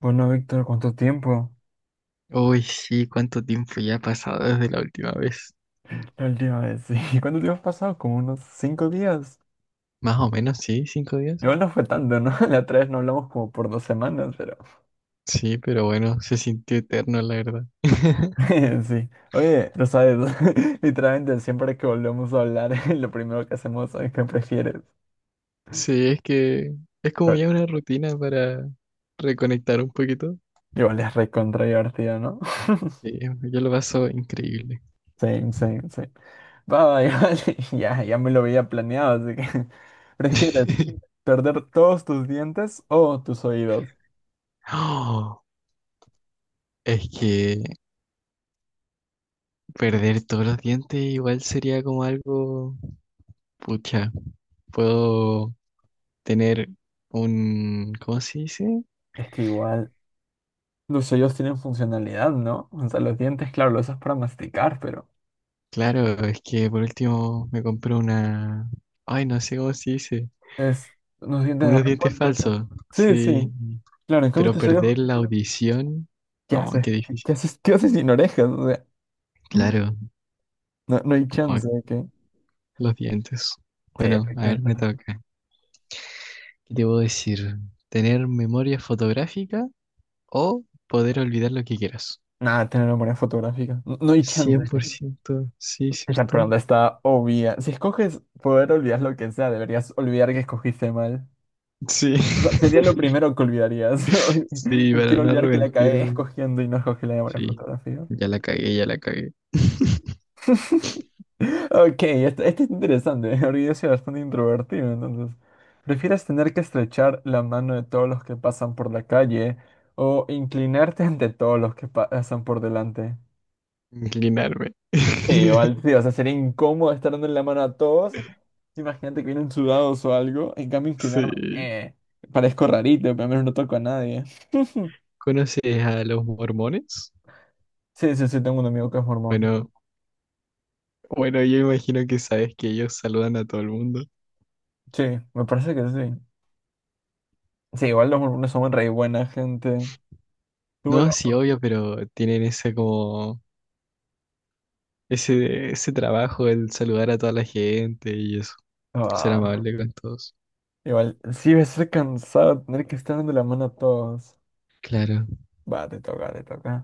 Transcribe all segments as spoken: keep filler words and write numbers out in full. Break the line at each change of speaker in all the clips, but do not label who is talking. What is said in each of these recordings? Bueno, Víctor, ¿cuánto tiempo?
Uy, sí, ¿cuánto tiempo ya ha pasado desde la última vez?
El día de sí. ¿Cuánto tiempo has pasado? Como unos cinco días.
Más o menos, sí, cinco días.
Igual no fue tanto, ¿no? La otra vez no hablamos como por dos semanas, pero...
Sí, pero bueno, se sintió eterno, la verdad.
Sí. Oye, lo sabes, literalmente siempre que volvemos a hablar, lo primero que hacemos es que prefieres.
Sí, es que es como ya
Pero
una rutina para reconectar un poquito.
igual es recontra divertido, ¿no?
Sí, yo lo paso increíble.
Same, same, same. Va, va, igual, ya, ya me lo había planeado, así que... ¿Prefieres perder todos tus dientes o tus oídos?
Oh, es que perder todos los dientes igual sería como algo, pucha, puedo tener un, ¿cómo se dice?
Es que igual, los sellos tienen funcionalidad, ¿no? O sea, los dientes, claro, los usas para masticar, pero
Claro, es que por último me compré una... Ay, no sé cómo se dice.
es unos dientes de
Unos dientes
repuesto eso.
falsos.
Sí,
Sí.
sí, claro, en cambio
Pero
tus sellos,
perder la audición...
¿qué
No,
haces?
qué difícil.
¿Qué haces? ¿Qué haces sin orejas? O sea,
Claro,
no, no hay
no,
chance de que...
los dientes.
Sí,
Bueno, a ver,
efectivamente.
me
la-
toca. ¿Qué te puedo decir? ¿Tener memoria fotográfica o poder olvidar lo que quieras?
Nada, tener memoria fotográfica. No, no hay chance
Cien
de
por
que-
ciento, sí,
Esa
¿cierto?
pregunta está obvia. Si escoges poder olvidar lo que sea, deberías olvidar que escogiste mal.
Sí,
O sea, sería lo primero que olvidarías.
sí, para
Quiero
no
olvidar que la cagué
arrepentirme.
escogiendo y no escogí la memoria
Sí,
fotográfica.
ya la cagué, ya la cagué.
Ok, este, este es interesante, porque yo soy bastante introvertido, entonces, ¿prefieres tener que estrechar la mano de todos los que pasan por la calle o inclinarte ante todos los que pa- pasan por delante?
Inclinarme.
Sí, igual, tío, o sea, sería incómodo estar dando la mano a todos. Imagínate que vienen sudados o algo, en cambio
Sí.
inclinarme, eh, parezco rarito, pero al menos no toco a nadie.
¿Conoces a los mormones?
Sí, sí, sí, tengo un amigo que es mormón.
Bueno, bueno, yo imagino que sabes que ellos saludan a todo el mundo.
Sí, me parece que sí. Sí, igual los mormones son re buena gente. Tú, lo-
No, sí, obvio, pero tienen ese como ese ese trabajo el saludar a toda la gente y eso, ser
Ah.
amable con todos.
Igual, sí va a ser cansado tener que estar dando la mano a todos.
Claro.
Va, te toca, te toca.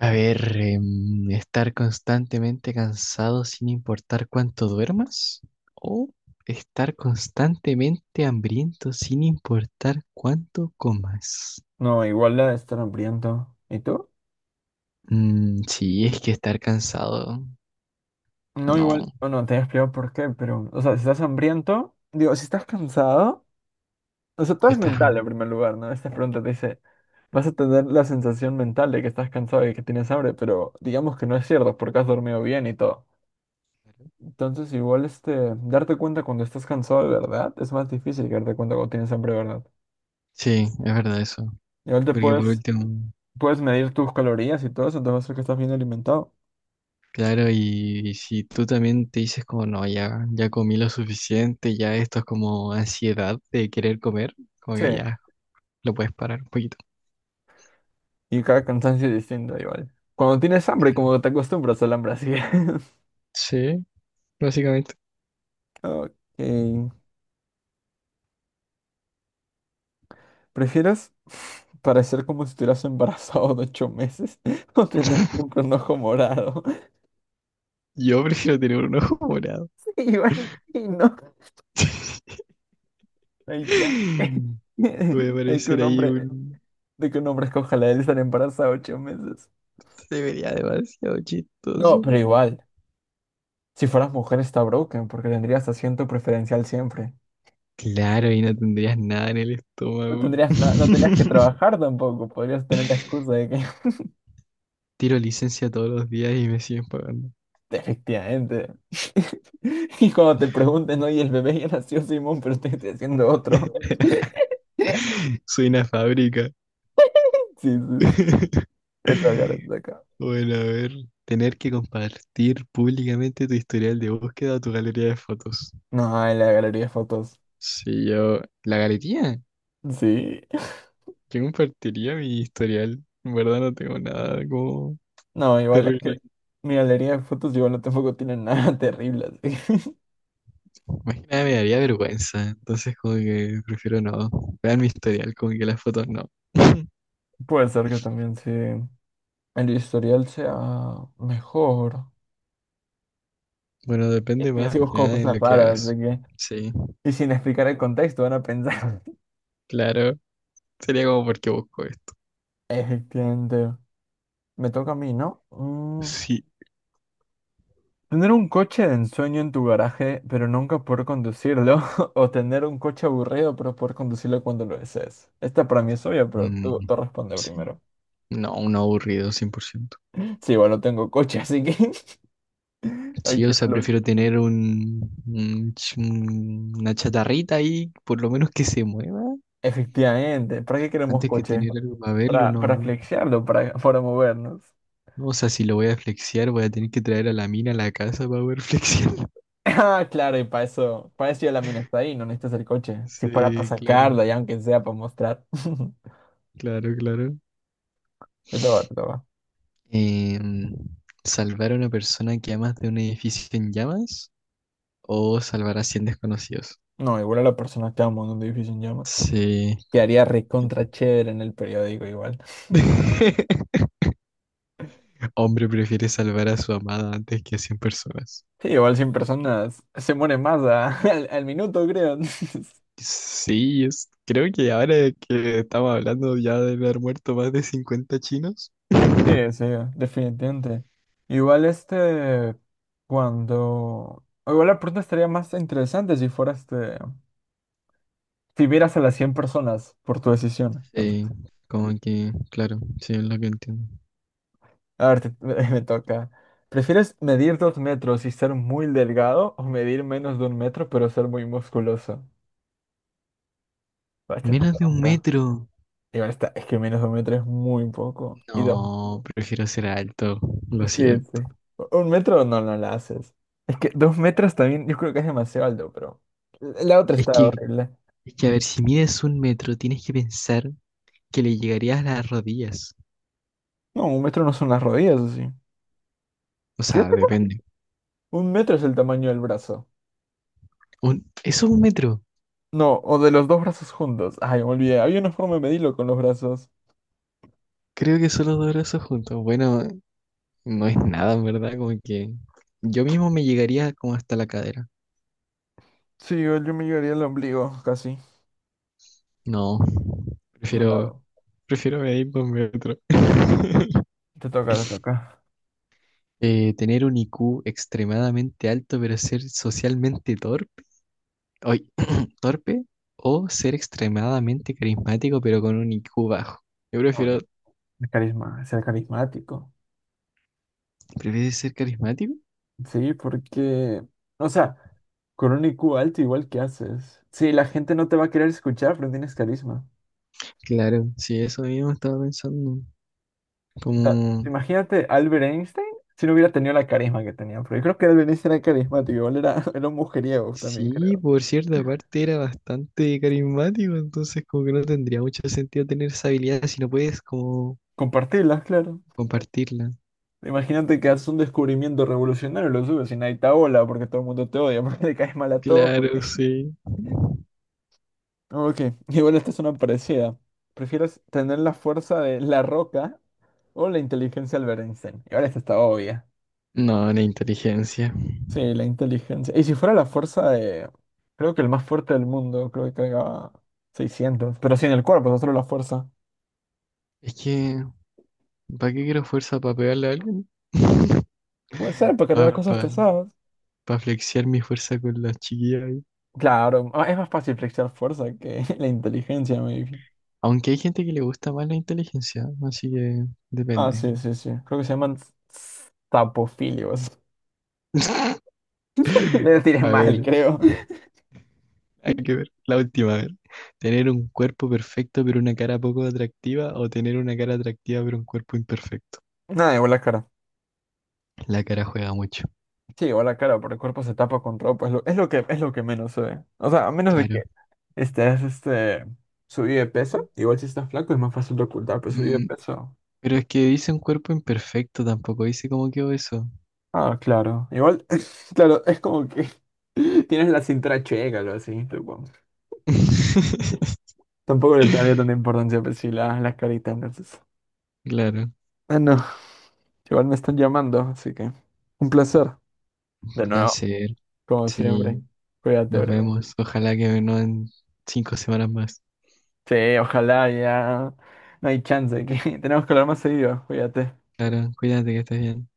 A ver, em, estar constantemente cansado sin importar cuánto duermas o estar constantemente hambriento sin importar cuánto comas.
No, igual la de estar hambriento. ¿Y tú?
Mm, sí, es que estar cansado,
No, igual,
no,
o no, te he explicado por qué, pero, o sea, si estás hambriento, digo, si estás cansado, o sea, todo es
estás...
mental en primer lugar, ¿no? Esta pregunta te dice, vas a tener la sensación mental de que estás cansado y que tienes hambre, pero digamos que no es cierto porque has dormido bien y todo. Entonces, igual, este, darte cuenta cuando estás cansado de verdad es más difícil que darte cuenta cuando tienes hambre de verdad.
Sí, es verdad eso.
Igual te
Porque por
puedes
último,
puedes medir tus calorías y todo eso, te va a hacer que estás bien alimentado.
claro, y, si tú también te dices como, no, ya, ya comí lo suficiente, ya esto es como ansiedad de querer comer, como
Sí,
que ya lo puedes parar un poquito.
y cada cansancio es distinto igual. Cuando tienes hambre, como te acostumbras al hambre así.
Sí, básicamente.
Ok. ¿Prefieres parecer como si estuvieras embarazado de ocho meses o tener siempre un ojo morado?
Yo prefiero tener un ojo morado.
Igual, y no. Ay, ya.
Voy a
De que
parecer
un
ahí
hombre,
un...
de que un hombre escoja la de estar embarazado ocho meses.
Se vería demasiado
No,
chistoso.
pero igual, si fueras mujer está broken porque tendrías asiento preferencial siempre.
Claro, y no tendrías nada en el
No
estómago.
tendrías, na- no tendrías que trabajar tampoco, podrías tener la excusa de que
Tiro licencia todos los días y me siguen pagando.
efectivamente. Y cuando te pregunten, oye, el bebé ya nació Simón, pero estoy, estoy haciendo otro.
Soy una fábrica.
Sí, sí, sí. Te toca, te toca.
Bueno, a ver, tener que compartir públicamente tu historial de búsqueda o tu galería de fotos.
No, en la galería de fotos.
Si yo, la galería,
Sí.
yo compartiría mi historial. En verdad no tengo nada como
No, igual es
terrible.
que mi galería de fotos igual no tampoco tiene nada terrible, así que.
Más que nada me daría vergüenza, entonces como que prefiero no. Vean mi historial, como que las fotos no.
Puede ser que también sí el historial sea mejor.
Bueno,
Es
depende
que yo
más
sí
que
busco
nada en
cosas
lo que
raras,
hagas.
así que...
Sí,
Y sin explicar el contexto van a pensar.
claro. Sería como porque busco esto.
Entiendo. Me toca a mí, ¿no? Mm,
Sí.
Tener un coche de ensueño en tu garaje, pero nunca poder conducirlo. O tener un coche aburrido, pero poder conducirlo cuando lo desees. Esta para mí es obvia, pero tú,
Mm,
tú responde
sí.
primero.
No, un aburrido, cien por ciento.
Sí, igual no tengo coche, así que... Ay,
Sí, o
qué
sea,
malo que-
prefiero tener un, un ch- un- una chatarrita ahí, por lo menos que se mueva,
efectivamente. ¿Para qué queremos
antes que
coche?
tener algo para verlo,
Para, para
no.
flexiarlo, para, para movernos.
No, o sea, si lo voy a flexiar, voy a tener que traer a la mina a la casa para poder flexiar.
Ah, claro, y para eso, para eso ya la mina está ahí, no necesitas el coche. Si es para, para
Sí, claro,
sacarla, ya aunque sea para mostrar.
claro, claro.
Te toca, te toca.
Em, Salvar a una persona que amas de un edificio en llamas o salvar a cien desconocidos.
No, igual a la persona que amo en un edificio en llamas.
Sí.
Quedaría recontra chévere en el periódico igual.
Hombre prefiere salvar a su amada antes que a cien personas.
Sí, igual cien personas se mueren más a- al, al minuto, creo.
Sí, es- creo que ahora que estamos hablando ya de haber muerto más de cincuenta chinos.
Sí, sí, definitivamente. Igual este, cuando... o igual la pregunta estaría más interesante si fuera este... Si vieras a las cien personas por tu decisión. Entonces,
Sí, como que, claro, sí, es lo que entiendo.
a ver, te- me, me toca. ¿Prefieres medir dos metros y ser muy delgado o medir menos de un metro pero ser muy musculoso? Ah, esta está
Menos de un
tronca.
metro.
Igual está, es que menos de un metro es muy poco. Y dos,
No, prefiero ser alto, lo
sí, sí.
siento.
Un metro no, no la haces. Es que dos metros también, yo creo que es demasiado alto, pero la otra
Es
está
que,
horrible.
es que a ver, si mides un metro, tienes que pensar que le llegarías a las rodillas.
No, un metro no son las rodillas, así.
O
¿Qué?
sea, depende.
Un metro es el tamaño del brazo.
Un, eso es un metro.
No, o de los dos brazos juntos. Ay, me olvidé. Había una forma de medirlo con los brazos.
Creo que solo dos brazos juntos. Bueno, no es nada, en verdad, como que yo mismo me llegaría como hasta la cadera.
Sí, igual yo me llegaría al ombligo, casi.
No,
No la hago.
prefiero, prefiero medir dos metros.
Te toca, te toca.
Eh, tener un I Q extremadamente alto, pero ser socialmente torpe, oy, torpe, o ser extremadamente carismático, pero con un I Q bajo. Yo
No,
prefiero,
yo- el carisma, ser carismático.
¿prefieres ser carismático?
Sí, porque, o sea, con un I Q alto, igual que haces. Sí, la gente no te va a querer escuchar, pero tienes carisma.
Claro, sí, eso mismo estaba pensando.
O sea,
Como
imagínate Albert Einstein si no hubiera tenido la carisma que tenía. Pero yo creo que Albert Einstein era carismático, igual era, era un mujeriego también,
Sí,
creo.
por cierta parte era bastante carismático, entonces como que no tendría mucho sentido tener esa habilidad si no puedes como
Compartirlas, claro.
compartirla.
Imagínate que haces un descubrimiento revolucionario y lo subes y nadie te abola porque todo el mundo te odia, porque le caes mal a todos. Porque...
Claro, sí.
Ok, igual esta es una parecida. ¿Prefieres tener la fuerza de La Roca o la inteligencia de Albert Einstein? Y ahora esta está obvia.
No, la inteligencia.
Sí, la inteligencia. Y si fuera la fuerza de... Creo que el más fuerte del mundo, creo que cargaba seiscientos, pero sin el cuerpo, no solo la fuerza.
Es que, ¿para qué quiero fuerza? ¿Para pegarle a alguien?
Puede ser, para cargar
Para
claro, cosas
pa,
pesadas.
pa flexear mi fuerza con las chiquillas ahí.
Claro, ah, es más fácil flexionar fuerza que la inteligencia, maybe.
Aunque hay gente que le gusta más la inteligencia, así que
Ah,
depende.
sí, sí, sí. Creo que se llaman tapofilios. Le tiré
A
mal,
ver,
creo.
hay que ver. La última, a ver. ¿Tener un cuerpo perfecto pero una cara poco atractiva o tener una cara atractiva pero un cuerpo imperfecto?
Nada, igual la cara.
La cara juega mucho.
Sí, igual la cara, porque el cuerpo se tapa con ropa. Es lo, es lo que, es lo que menos se ve. O sea, a menos de
Claro.
que estés este, subido de peso. Igual si estás flaco es más fácil de ocultar, pero subido de
Mm,
peso.
pero es que dice un cuerpo imperfecto, tampoco dice cómo quedó eso.
Ah, claro. Igual, claro, es como que tienes la cintura checa, algo así, tipo. Tampoco le daría tanta importancia, pero sí, la- las caritas, entonces.
Claro.
Ah, no. Igual me están llamando, así que un placer. De nuevo.
Placer.
Como siempre.
Sí,
Cuídate,
nos
bro.
vemos. Ojalá que no en cinco semanas más.
Sí, ojalá ya. No hay chance. Que... Tenemos que hablar más seguido. Cuídate.
Claro, cuídate que estés bien.